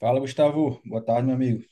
Fala, Gustavo. Boa tarde, meu amigo.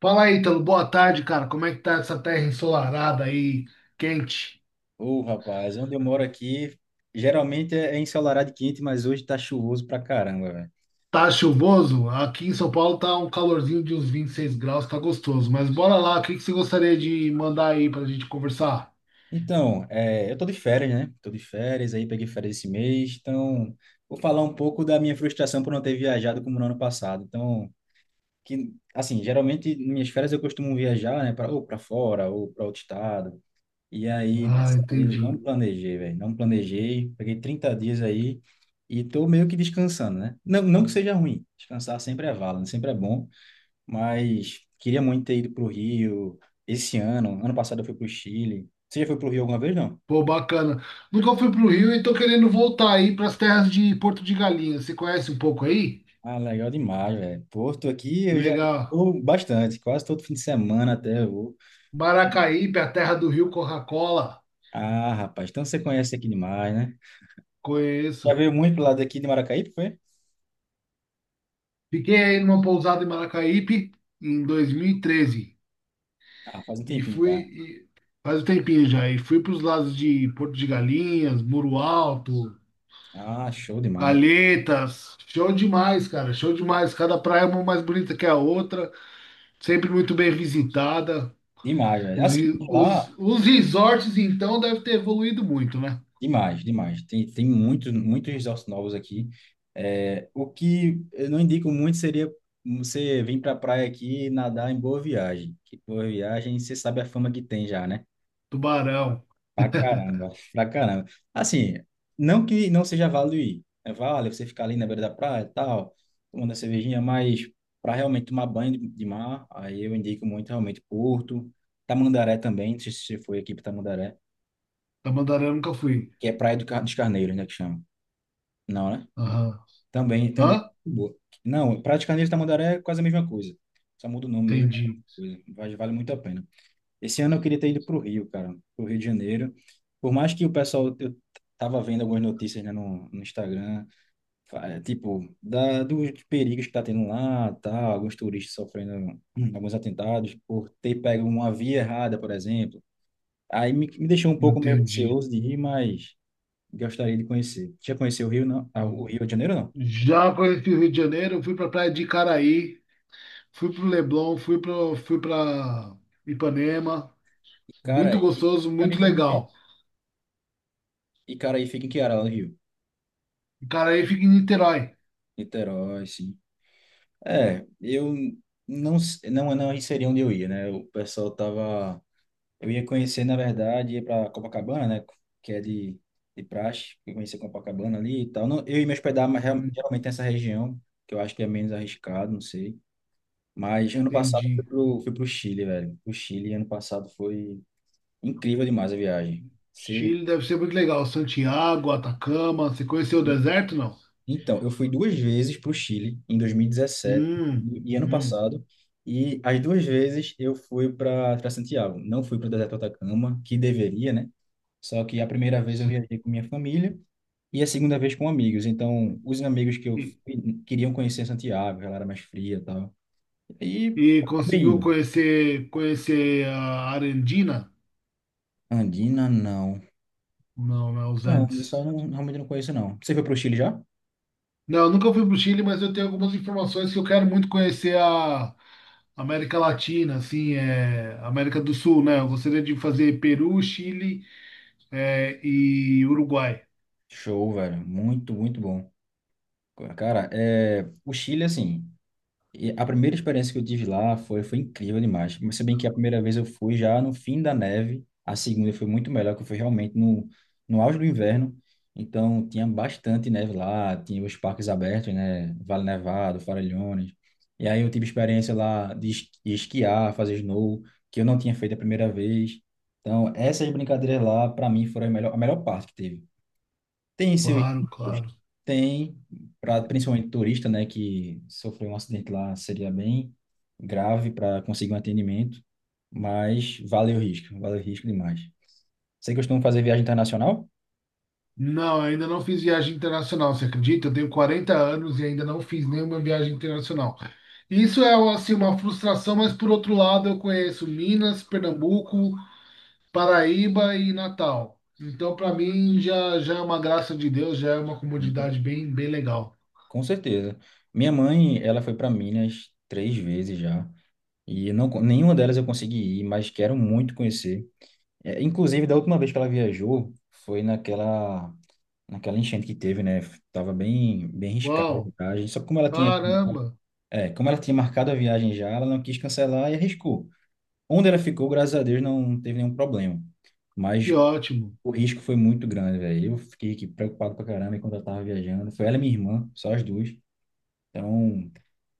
Fala aí, Ítalo. Boa tarde, cara. Como é que tá essa terra ensolarada aí, quente? Ô, rapaz, onde eu moro aqui, geralmente é ensolarado e quente, mas hoje tá chuvoso pra caramba, velho. Tá chuvoso? Aqui em São Paulo tá um calorzinho de uns 26 graus, tá gostoso. Mas bora lá, o que você gostaria de mandar aí pra gente conversar? Então, eu tô de férias, né? Tô de férias, aí peguei férias esse mês, então vou falar um pouco da minha frustração por não ter viajado como no ano passado. Então, que, assim, geralmente nas minhas férias eu costumo viajar, né, ou pra fora, ou pra outro estado. E aí, Ah, dessa vez, não entendi. planejei, velho. Não planejei. Peguei 30 dias aí e tô meio que descansando, né? Não, não que seja ruim. Descansar sempre é válido, sempre é bom. Mas queria muito ter ido pro Rio esse ano. Ano passado eu fui pro Chile. Você já foi pro Rio alguma vez, não? Pô, bacana. Nunca fui pro Rio e tô querendo voltar aí pras terras de Porto de Galinhas. Você conhece um pouco aí? Ah, legal demais, velho. Porto aqui eu já Legal. vou bastante. Quase todo fim de semana até eu vou. Maracaípe, a terra do Rio Coca-Cola. Ah, rapaz. Então você conhece aqui demais, né? Conheço. Já veio muito pro lado aqui de Maracaípe, foi? Fiquei aí numa pousada em Maracaípe em 2013. Ah, faz um E tempinho fui, já. e faz um tempinho já, e fui para os lados de Porto de Galinhas, Muro Alto, Ah, show demais. Calhetas. Show demais, cara, show demais. Cada praia é uma mais bonita que a outra, sempre muito bem visitada. Demais, velho. Os, Assim, re- lá, os, os resorts, então, devem ter evoluído muito, né? demais, demais. Tem muitos, muitos resorts novos aqui. É, o que eu não indico muito seria você vir para a praia aqui e nadar em Boa Viagem. Que Boa Viagem, você sabe a fama que tem já, né? Tubarão. Pra caramba, pra caramba. Assim, não que não seja válido ir. É válido você ficar ali na beira da praia e tal, tomando a cervejinha, mas para realmente tomar banho de mar, aí eu indico muito realmente Porto, Tamandaré também, não sei se você foi aqui para Tamandaré. Tamandaré eu nunca fui. Que é Praia dos Carneiros, né, que chama. Não, né? Aham. Também é Hã? muito boa. Não, Praia dos Carneiros e Tamandaré é quase a mesma coisa. Só muda o nome mesmo. Entendi, Coisa. Vale muito a pena. Esse ano eu queria ter ido para o Rio, cara, para o Rio de Janeiro. Por mais que o pessoal, eu tava vendo algumas notícias, né, no Instagram, tipo, dos perigos que tá tendo lá, tal, alguns turistas sofrendo alguns atentados por ter pego uma via errada, por exemplo. Aí me deixou um pouco meio entendi. receoso de ir, mas gostaria de conhecer. Já conheceu o Rio, não? Ah, o Rio de Janeiro, não? Já conheci o Rio de Janeiro, eu fui para a praia de Caraí. Fui pro Leblon, fui pra Ipanema. Muito Icaraí. gostoso, Icaraí muito fica em quê? legal. Icaraí fica em que área lá no Rio? O cara aí fica em Niterói. Niterói, sim. É, eu não, não, não aí seria onde eu ia, né? O pessoal tava. Eu ia conhecer, na verdade, ia pra Copacabana, né? Que é de praxe. Eu conhecer Copacabana ali e tal. Não, eu ia me hospedar, mas geralmente nessa região, que eu acho que é menos arriscado, não sei. Mas ano passado eu Entendi. Fui pro Chile, velho. O Chile ano passado foi incrível demais a viagem. Você Chile deve ser muito legal. Santiago, Atacama. Você conheceu o deserto, não? então, eu fui 2 vezes para o Chile, em 2017 e Hum, dezessete e e ano hum, passado, e as 2 vezes eu fui para Santiago. Não fui para o deserto do Atacama, que deveria, né? Só que a primeira vez eu sim. viajei com minha família e a segunda vez com amigos. Então, os amigos que eu E, fui queriam conhecer Santiago, ela era mais fria e tal. E e acabei conseguiu indo. conhecer a Arandina? Andina, não. Não, não é os Não, Andes. isso eu não, realmente não conheço, não. Você foi para o Chile já? Não, eu nunca fui para o Chile, mas eu tenho algumas informações que eu quero muito conhecer a América Latina, assim, é, América do Sul, né? Eu gostaria de fazer Peru, Chile, é, e Uruguai. Show, velho. Muito, muito bom. Cara, o Chile, assim. E a primeira experiência que eu tive lá foi incrível demais. Mas se bem que a primeira vez eu fui já no fim da neve, a segunda foi muito melhor, que foi realmente no, no auge do inverno. Então tinha bastante neve lá, tinha os parques abertos, né? Vale Nevado, Faralhones. E aí eu tive experiência lá de esquiar, fazer snow, que eu não tinha feito a primeira vez. Então essas brincadeiras lá, para mim, foram a melhor parte que teve. Tem seus Claro, riscos? claro. Tem, principalmente turista, né, que sofreu um acidente lá, seria bem grave para conseguir um atendimento, mas vale o risco demais. Você costuma fazer viagem internacional? Não, eu ainda não fiz viagem internacional, você acredita? Eu tenho 40 anos e ainda não fiz nenhuma viagem internacional. Isso é assim, uma frustração, mas por outro lado eu conheço Minas, Pernambuco, Paraíba e Natal. Então, para mim, já, já é uma graça de Deus, já é uma Sim, comunidade bem, bem legal. com certeza. Minha mãe, ela foi para Minas 3 vezes já, e não, nenhuma delas eu consegui ir, mas quero muito conhecer. É, inclusive, da última vez que ela viajou, foi naquela enchente que teve, né? Tava bem, bem riscada a Uau, viagem, só que como ela tinha caramba, é, como ela tinha marcado a viagem já, ela não quis cancelar e arriscou. Onde ela ficou, graças a Deus, não teve nenhum problema. que Mas ótimo. o risco foi muito grande, velho. Eu fiquei aqui preocupado pra caramba enquanto eu tava viajando. Foi ela e minha irmã, só as duas. Então,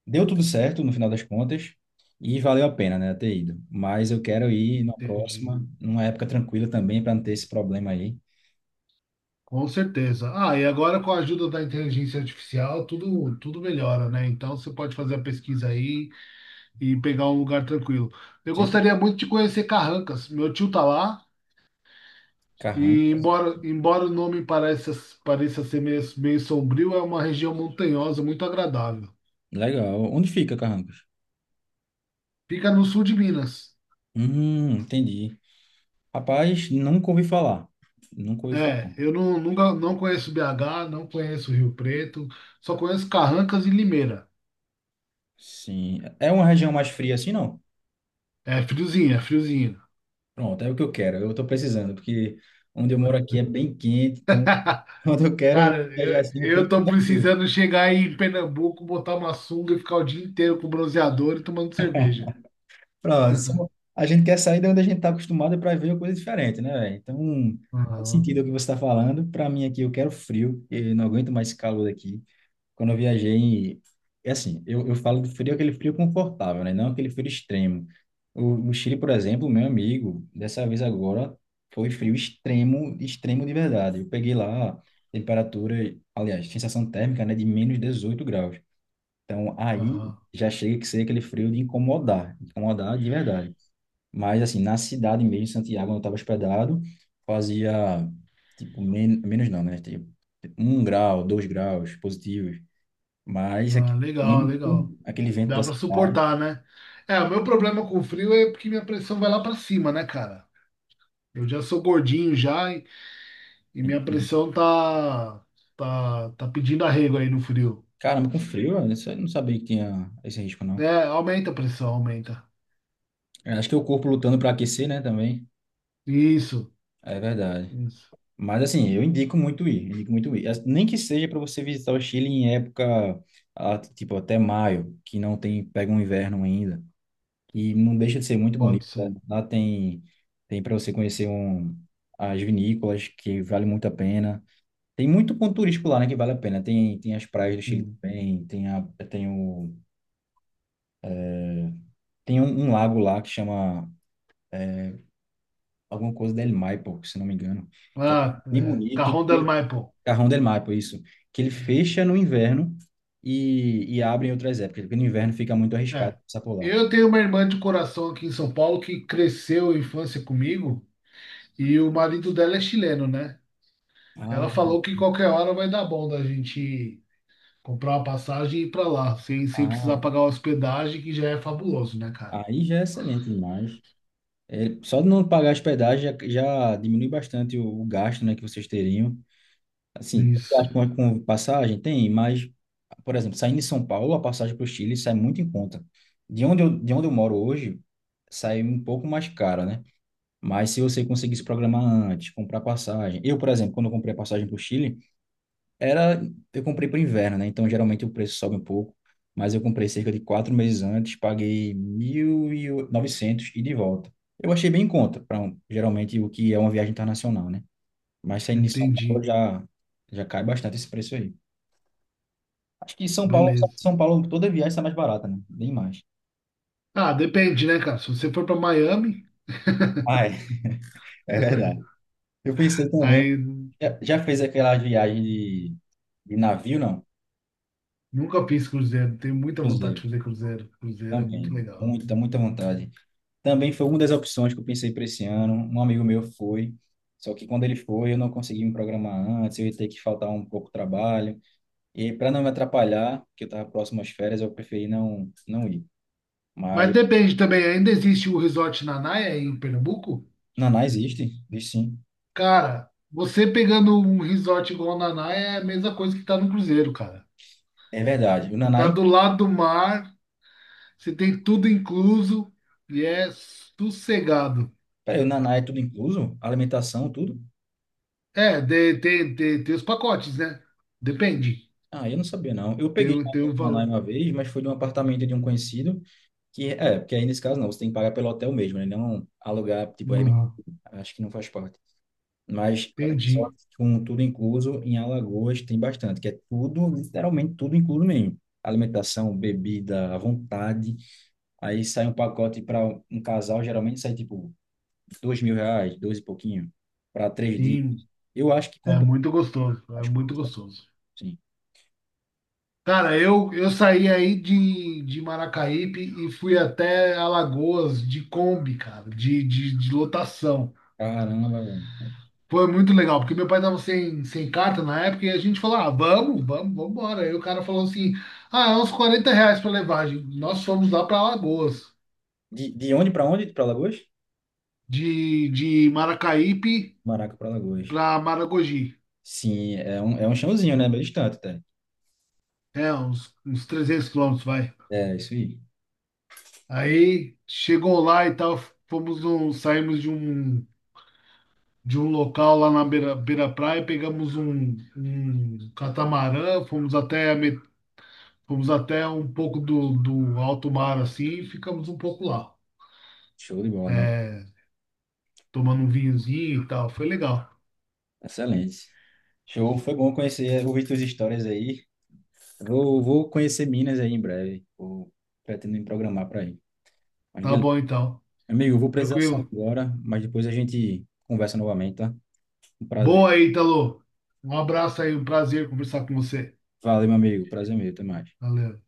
deu tudo certo no final das contas e valeu a pena, né, ter ido. Mas eu quero ir na Entendi. próxima, numa época tranquila também, para não ter esse problema aí. Com certeza. Ah, e agora com a ajuda da inteligência artificial, tudo, tudo melhora, né? Então você pode fazer a pesquisa aí e pegar um lugar tranquilo. Eu Gente, gostaria muito de conhecer Carrancas. Meu tio tá lá e Carrancas. embora o nome pareça, pareça ser meio sombrio, é uma região montanhosa muito agradável. Legal. Onde fica Carrancas? Fica no sul de Minas. Entendi. Rapaz, nunca ouvi falar. Nunca ouvi É, falar. eu não, nunca, não conheço BH, não conheço Rio Preto, só conheço Carrancas e Limeira. Sim. É uma região mais fria assim, não? É friozinho, é friozinho. Pronto, é o que eu quero. Eu estou precisando, porque onde eu moro aqui é bem quente, então quando eu quero Cara, viajar assim, eu eu penso tô no frio. precisando chegar aí em Pernambuco, botar uma sunga e ficar o dia inteiro com bronzeador e tomando cerveja. Pronto, a gente quer sair de onde a gente está acostumado para ver uma coisa diferente, né, velho? Então, faz Aham, sentido o que você está falando. Para mim aqui, eu quero frio, eu não aguento mais esse calor aqui. Quando eu viajei, é assim, eu falo do frio, aquele frio confortável, né? Não aquele frio extremo. No Chile, por exemplo, meu amigo, dessa vez agora, foi frio extremo, extremo de verdade. Eu peguei lá temperatura, aliás, sensação térmica, né, de -18 graus. Então, aí aham. já chega que ser aquele frio de incomodar, incomodar de verdade. Mas, assim, na cidade mesmo, em Santiago, onde eu estava hospedado, fazia, tipo, menos não, né? Tipo, 1 grau, 2 graus positivos. Mas Ah, legal, legal. Aquele vento da Dá pra cidade. suportar, né? É, o meu problema com o frio é porque minha pressão vai lá pra cima, né, cara? Eu já sou gordinho já. E minha Enfim. pressão tá pedindo arrego aí no frio. Caramba, com frio, eu não sabia que tinha esse risco, não. É, aumenta a pressão, aumenta. Eu acho que é o corpo lutando para aquecer, né, também. Isso, É verdade. isso, Mas assim, eu indico muito ir, indico muito ir. Nem que seja para você visitar o Chile em época, ah, tipo, até maio, que não tem, pega um inverno ainda. E não deixa de ser muito pode bonito, né? ser. Lá tem para você conhecer as vinícolas, que vale muito a pena. Tem muito ponto turístico lá, né, que vale a pena. Tem as praias do Chile Hum. também, tem, a, tem, o, tem um lago lá que chama alguma coisa del Maipo, se não me engano, que é um Ah, bem é, bonito, Cajón del ele, Maipo. Cajón del Maipo, isso, que ele fecha no inverno e abre em outras épocas, porque no inverno fica muito arriscado É. passar por lá. Eu tenho uma irmã de coração aqui em São Paulo que cresceu a infância comigo e o marido dela é chileno, né? Ah, Ela falou que qualquer hora vai dar bom da gente comprar uma passagem e ir pra lá, sem precisar ah, pagar hospedagem, que já é fabuloso, né, cara? aí já é excelente demais. É, só de não pagar hospedagem já, já diminui bastante o gasto, né, que vocês teriam. Assim, tem Isso, acho que uma com passagem tem, mas, por exemplo, saindo de São Paulo, a passagem para o Chile sai muito em conta. De onde eu moro hoje, sai um pouco mais cara, né? Mas se você conseguisse programar antes, comprar passagem. Eu, por exemplo, quando eu comprei a passagem para o Chile, era, eu comprei para o inverno, né? Então, geralmente o preço sobe um pouco, mas eu comprei cerca de 4 meses antes, paguei 1.900 e de volta. Eu achei bem em conta, para geralmente o que é uma viagem internacional, né? Mas saindo de São entendi. Paulo já, já cai bastante esse preço aí. Acho que São Paulo, Beleza. São Paulo, toda viagem está mais barata, né? Bem mais. Ah, depende, né, cara? Se você for pra Miami, Ah, é verdade. Eu pensei também. aí Já fez aquela viagem de navio, não? nunca fiz cruzeiro. Tenho muita vontade de Cruzeiro. fazer cruzeiro. Cruzeiro é muito Também. legal. Muita, muita vontade. Também foi uma das opções que eu pensei para esse ano. Um amigo meu foi. Só que quando ele foi, eu não consegui me programar antes, eu ia ter que faltar um pouco de trabalho. E para não me atrapalhar, que eu estava próximo às férias, eu preferi não, não ir. Mas Mas depende também. Ainda existe o Resort Nanaia aí em Pernambuco? Naná existe, existe sim. Cara, você pegando um resort igual o Nanaia é a mesma coisa que tá no cruzeiro, cara. É verdade. O Você tá Nanai, do lado do mar, você tem tudo incluso e é sossegado. peraí, o Nanai é tudo incluso? Alimentação, tudo? É, de- tem os pacotes, né? Depende. Ah, eu não sabia não. Eu Tem, peguei o o- tem o Nanai valor. uma vez, mas foi de um apartamento de um conhecido, que é, porque aí nesse caso não, você tem que pagar pelo hotel mesmo, né? Não alugar, tipo, Airbnb, Uhum. acho que não faz parte. Mas é, só Entendi. com tudo incluso em Alagoas tem bastante, que é tudo, literalmente tudo incluso mesmo. Alimentação, bebida, à vontade. Aí sai um pacote para um casal, geralmente sai tipo R$ 2.000, dois e pouquinho, para 3 dias. Sim. Eu acho que É compensa. muito gostoso, é muito gostoso. Sim. Cara, eu saí aí de Maracaípe e fui até Alagoas de Kombi, cara, de lotação. Caramba, velho. Foi muito legal, porque meu pai tava sem carta na época e a gente falou, ah, vamos embora. Aí o cara falou assim, ah, é uns 40 reais pra levagem. Nós fomos lá pra Alagoas, De onde? Pra Lagoas? de Maracaípe Maraca pra Lagoas. pra Maragogi. Sim, é um chãozinho, né? Bem distante, até. É, uns, uns 300 quilômetros, vai. É, isso aí. Aí chegou lá e tal, fomos num, saímos de um local lá na beira, beira praia, pegamos um, um catamarã, fomos até, a met- fomos até um pouco do alto mar assim e ficamos um pouco lá, Show de bola, meu. é, tomando um vinhozinho e tal. Foi legal. Excelente. Show, foi bom conhecer, ouvir tuas histórias aí. Vou conhecer Minas aí em breve. Pretendo me programar para ir. Mas Tá beleza. bom então. Amigo, eu vou precisar sair Tranquilo. agora, mas depois a gente conversa novamente, tá? Um prazer. Boa aí, Italo. Um abraço aí, um prazer conversar com você. Valeu, meu amigo. Prazer meu. Até mais. Valeu.